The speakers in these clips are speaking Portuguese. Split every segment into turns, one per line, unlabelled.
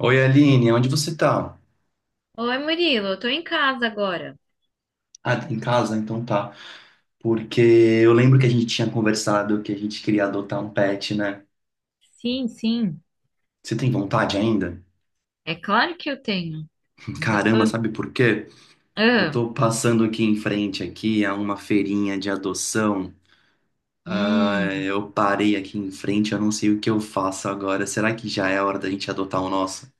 Oi, Aline, onde você tá?
Oi, Murilo, eu tô em casa agora.
Ah, tá em casa? Então tá. Porque eu lembro que a gente tinha conversado que a gente queria adotar um pet, né?
Sim, sim.
Você tem vontade ainda?
É claro que eu tenho. Ainda
Caramba,
tô...
sabe por quê? Eu
Ah,
tô passando aqui em frente aqui a uma feirinha de adoção.
hum,
Eu parei aqui em frente, eu não sei o que eu faço agora. Será que já é a hora da gente adotar o nosso?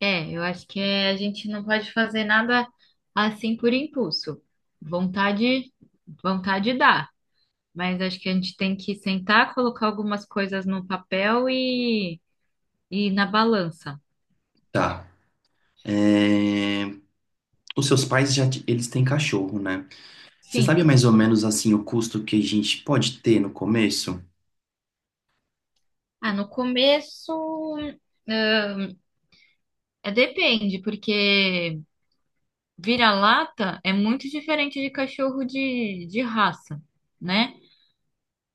eu acho que a gente não pode fazer nada assim por impulso. Vontade, vontade dá, mas acho que a gente tem que sentar, colocar algumas coisas no papel e na balança.
Tá. É, os seus pais já eles têm cachorro, né? Você sabe
Sim.
mais ou menos assim o custo que a gente pode ter no começo?
Ah, no começo, é, depende, porque vira-lata é muito diferente de cachorro de raça, né?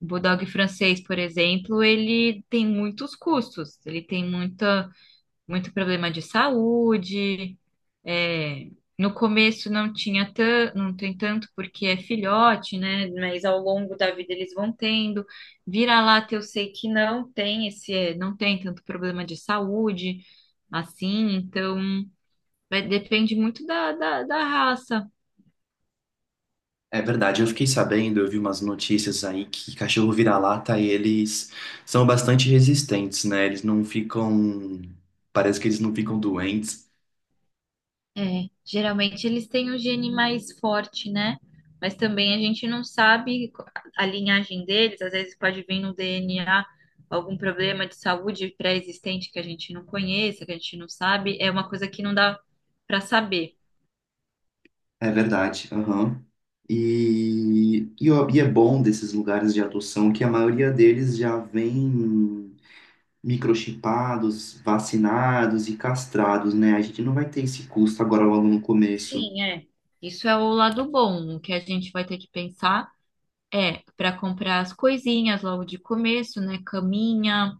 O Bulldog francês, por exemplo, ele tem muitos custos, ele tem muita, muito problema de saúde. É, no começo não tinha tan, não tem tanto porque é filhote, né? Mas ao longo da vida eles vão tendo. Vira-lata eu sei que não tem esse, é, não tem tanto problema de saúde assim, então vai- depende muito da, da raça.
É verdade, eu fiquei sabendo, eu vi umas notícias aí que cachorro vira-lata, eles são bastante resistentes, né? Eles não ficam. Parece que eles não ficam doentes.
É, geralmente eles têm o gene mais forte, né? Mas também a gente não sabe a linhagem deles, às vezes pode vir no DNA algum problema de saúde pré-existente que a gente não conheça, que a gente não sabe, é uma coisa que não dá para saber.
É verdade, aham. Ó, e é bom desses lugares de adoção que a maioria deles já vem microchipados, vacinados e castrados, né? A gente não vai ter esse custo agora logo no começo.
Sim, é. Isso é o lado bom, o que a gente vai ter que pensar é para comprar as coisinhas logo de começo, né? Caminha,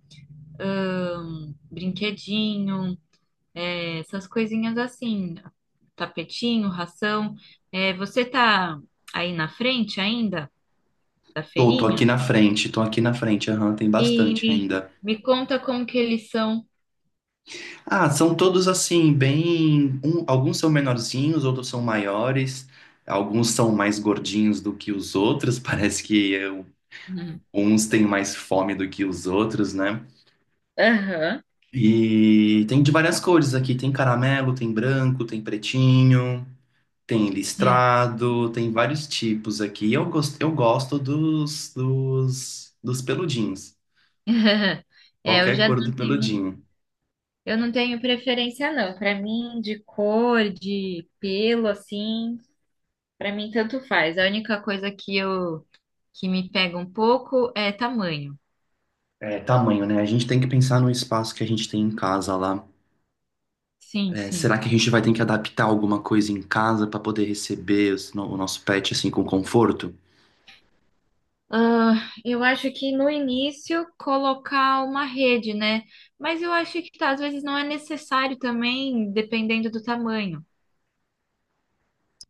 brinquedinho, é, essas coisinhas assim, tapetinho, ração. É, você tá aí na frente ainda da
Tô, tô aqui
feirinha?
na frente, aham, tem
E
bastante
me,
ainda.
me conta como que eles são.
Ah, são todos assim, bem. Alguns são menorzinhos, outros são maiores, alguns são mais gordinhos do que os outros, parece que
Uhum.
uns têm mais fome do que os outros, né?
Aham.
E tem de várias cores aqui: tem caramelo, tem branco, tem pretinho, tem listrado, tem vários tipos aqui. Eu gosto dos peludinhos,
É, eu
qualquer
já
cor do
não tenho,
peludinho.
eu não tenho preferência não. Para mim, de cor, de pelo, assim, para mim tanto faz. A única coisa que me pega um pouco é tamanho.
É, tamanho, né? A gente tem que pensar no espaço que a gente tem em casa lá.
Sim,
É,
sim.
será que a gente vai ter que adaptar alguma coisa em casa para poder receber os o nosso pet assim com conforto?
Ah, eu acho que no início colocar uma rede, né? Mas eu acho que tá, às vezes não é necessário também, dependendo do tamanho.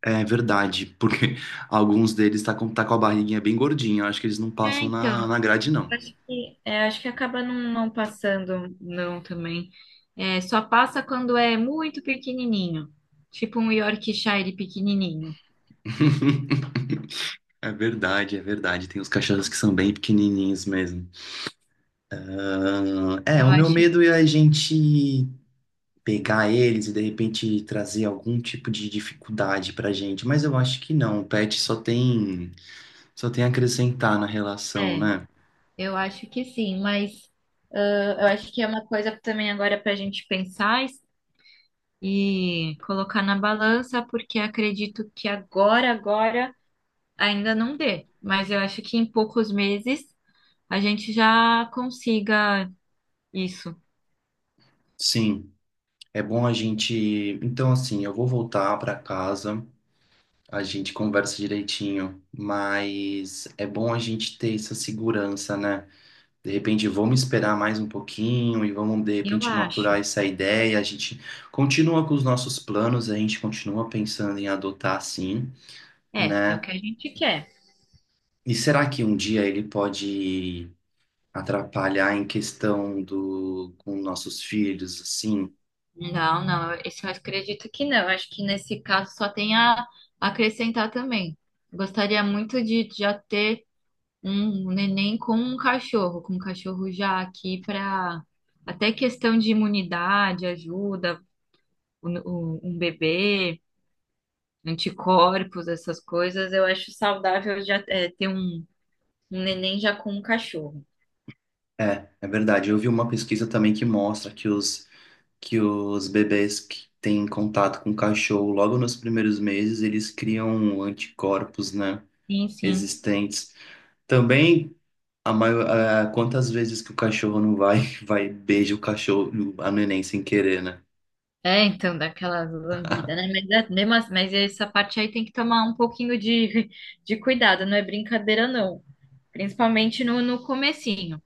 É verdade, porque alguns deles tá com a barriguinha bem gordinha. Eu acho que eles não
É,
passam na,
então,
na grade, não.
acho que, é, acho que acaba não, não passando, não, também. É, só passa quando é muito pequenininho, tipo um Yorkshire pequenininho.
É verdade, é verdade. Tem os cachorros que são bem pequenininhos mesmo. Ah, é,
Eu
o meu
acho que
medo é a gente pegar eles e de repente trazer algum tipo de dificuldade pra gente, mas eu acho que não. O pet só tem a acrescentar na relação,
é,
né?
eu acho que sim, mas eu acho que é uma coisa também agora para a gente pensar e colocar na balança, porque acredito que agora, agora ainda não dê. Mas eu acho que em poucos meses a gente já consiga isso.
Sim. É bom a gente. Então, assim, eu vou voltar para casa, a gente conversa direitinho, mas é bom a gente ter essa segurança, né? De repente, vamos esperar mais um pouquinho e vamos, de
Eu
repente, maturar
acho.
essa ideia. A gente continua com os nossos planos, a gente continua pensando em adotar, sim,
É, é o
né?
que a gente quer.
E será que um dia ele pode atrapalhar em questão do com nossos filhos, assim?
Não, não, eu- isso eu acredito que não. Eu acho que nesse caso só tem a acrescentar também. Gostaria muito de já ter um neném com um cachorro já aqui para até questão de imunidade, ajuda, o- um bebê, anticorpos, essas coisas, eu acho saudável já é, ter um, um neném já com um cachorro.
É, é verdade. Eu vi uma pesquisa também que mostra que os bebês que têm contato com cachorro logo nos primeiros meses, eles criam anticorpos, né,
Sim, sim.
existentes. Também a maior, quantas vezes que o cachorro não vai vai e beija o cachorro, a neném sem querer, né?
É, então, daquela lambida, né? Mas, é- mesmo assim- mas essa parte aí tem que tomar um pouquinho de, de cuidado, não é brincadeira, não. Principalmente no, no comecinho.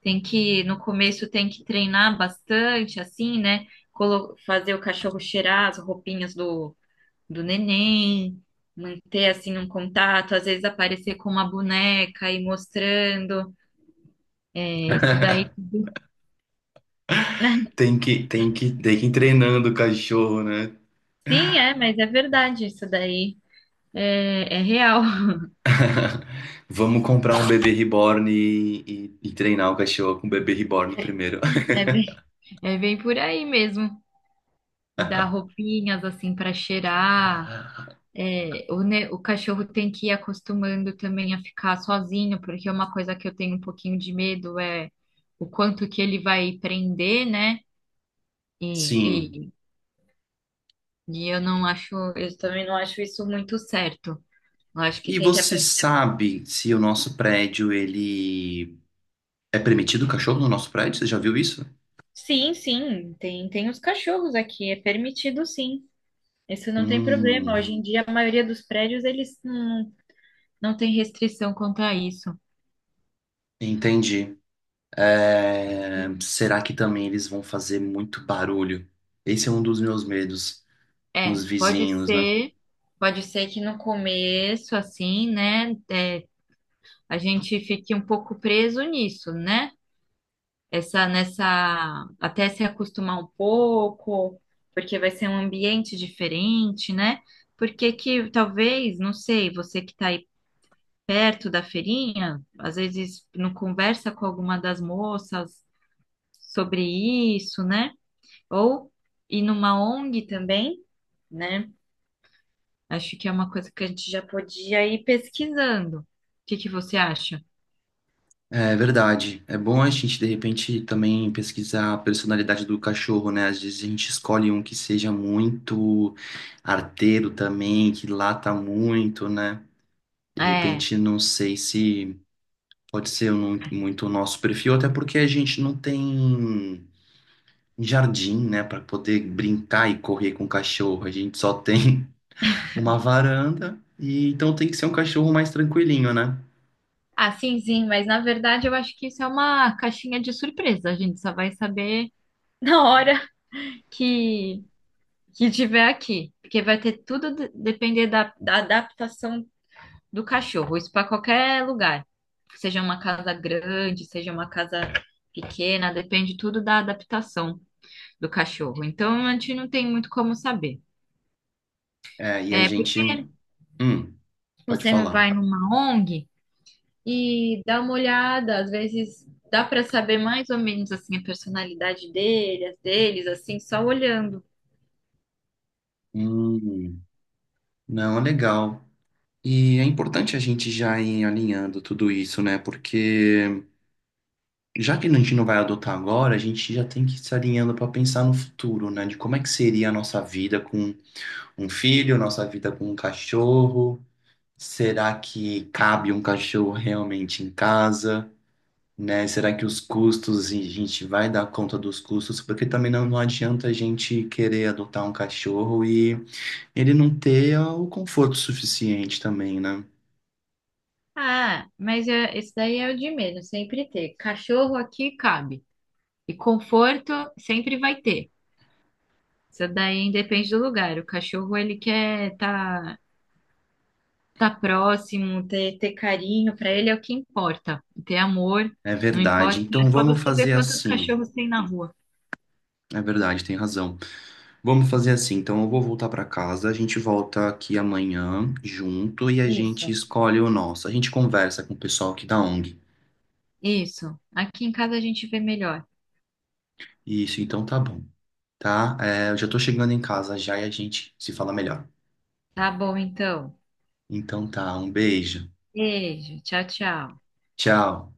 Tem que, no começo tem que treinar bastante, assim, né? Colo- fazer o cachorro cheirar as roupinhas do, do neném, manter assim um contato, às vezes aparecer com uma boneca e mostrando. É, isso daí, né?
Tem que ir treinando o cachorro, né?
Sim, é, mas é verdade, isso daí é, é real.
Vamos comprar um bebê reborn e treinar o cachorro com o bebê reborn primeiro.
É bem, é bem por aí mesmo. E dar roupinhas assim para cheirar. É, o, ne- o cachorro tem que ir acostumando também a ficar sozinho, porque uma coisa que eu tenho um pouquinho de medo é o quanto que ele vai prender, né?
Sim.
E, e eu não acho, eu também não acho isso muito certo. Eu acho que
E
tem que
você
aprender.
sabe se o nosso prédio ele, é permitido o cachorro no nosso prédio? Você já viu isso?
Sim, sim, tem, tem os cachorros aqui, é permitido sim. Isso não tem problema.
Hum,
Hoje em dia, a maioria dos prédios, eles não, não tem restrição quanto a isso.
entendi. É, será que também eles vão fazer muito barulho? Esse é um dos meus medos com
É,
os vizinhos, né?
pode ser que no começo, assim, né, é, a gente fique um pouco preso nisso, né? essa nessa até se acostumar um pouco, porque vai ser um ambiente diferente, né? Porque que talvez, não sei, você que está aí perto da feirinha, às vezes não conversa com alguma das moças sobre isso, né? Ou ir numa ONG também, né? Acho que é uma coisa que a gente já podia ir pesquisando. O que que você acha?
É verdade. É bom a gente, de repente, também pesquisar a personalidade do cachorro, né? Às vezes a gente escolhe um que seja muito arteiro também, que lata muito, né? De
É.
repente, não sei se pode ser muito o nosso perfil, até porque a gente não tem. Em jardim, né, para poder brincar e correr com o cachorro. A gente só tem uma varanda e então tem que ser um cachorro mais tranquilinho, né?
Ah, sim, sim, mas na verdade eu acho que isso é uma caixinha de surpresa. A gente só vai saber na hora que, que tiver aqui. Porque vai ter tudo de- depender da, da adaptação do cachorro. Isso para qualquer lugar. Seja uma casa grande, seja uma casa pequena, depende tudo da adaptação do cachorro. Então a gente não tem muito como saber.
É, e a
É
gente,
porque
hum, pode
você não
falar.
vai numa ONG. E dá uma olhada, às vezes dá para saber mais ou menos assim a personalidade dele, as deles, assim, só olhando.
Hum, não, é legal. E é importante a gente já ir alinhando tudo isso, né? Porque já que a gente não vai adotar agora, a gente já tem que se alinhando para pensar no futuro, né? De como é que seria a nossa vida com um filho, nossa vida com um cachorro. Será que cabe um cachorro realmente em casa, né? Será que os custos, a gente vai dar conta dos custos? Porque também não, não adianta a gente querer adotar um cachorro e ele não ter o conforto suficiente também, né?
Ah, mas é, esse daí é o de menos, sempre ter. Cachorro aqui cabe. E conforto sempre vai ter. Isso daí depende do lugar. O cachorro ele quer tá próximo, ter, ter carinho, para ele é o que importa. Ter amor,
É
não
verdade.
importa.
Então
É só
vamos
você
fazer
ver quantos
assim.
cachorros tem na rua.
É verdade, tem razão. Vamos fazer assim. Então eu vou voltar para casa, a gente volta aqui amanhã junto e a gente
Isso.
escolhe o nosso. A gente conversa com o pessoal aqui da ONG.
Isso. Aqui em casa a gente vê melhor.
Isso, então tá bom. Tá? É, eu já tô chegando em casa já e a gente se fala melhor.
Tá bom, então.
Então tá, um beijo.
Beijo. Tchau, tchau.
Tchau.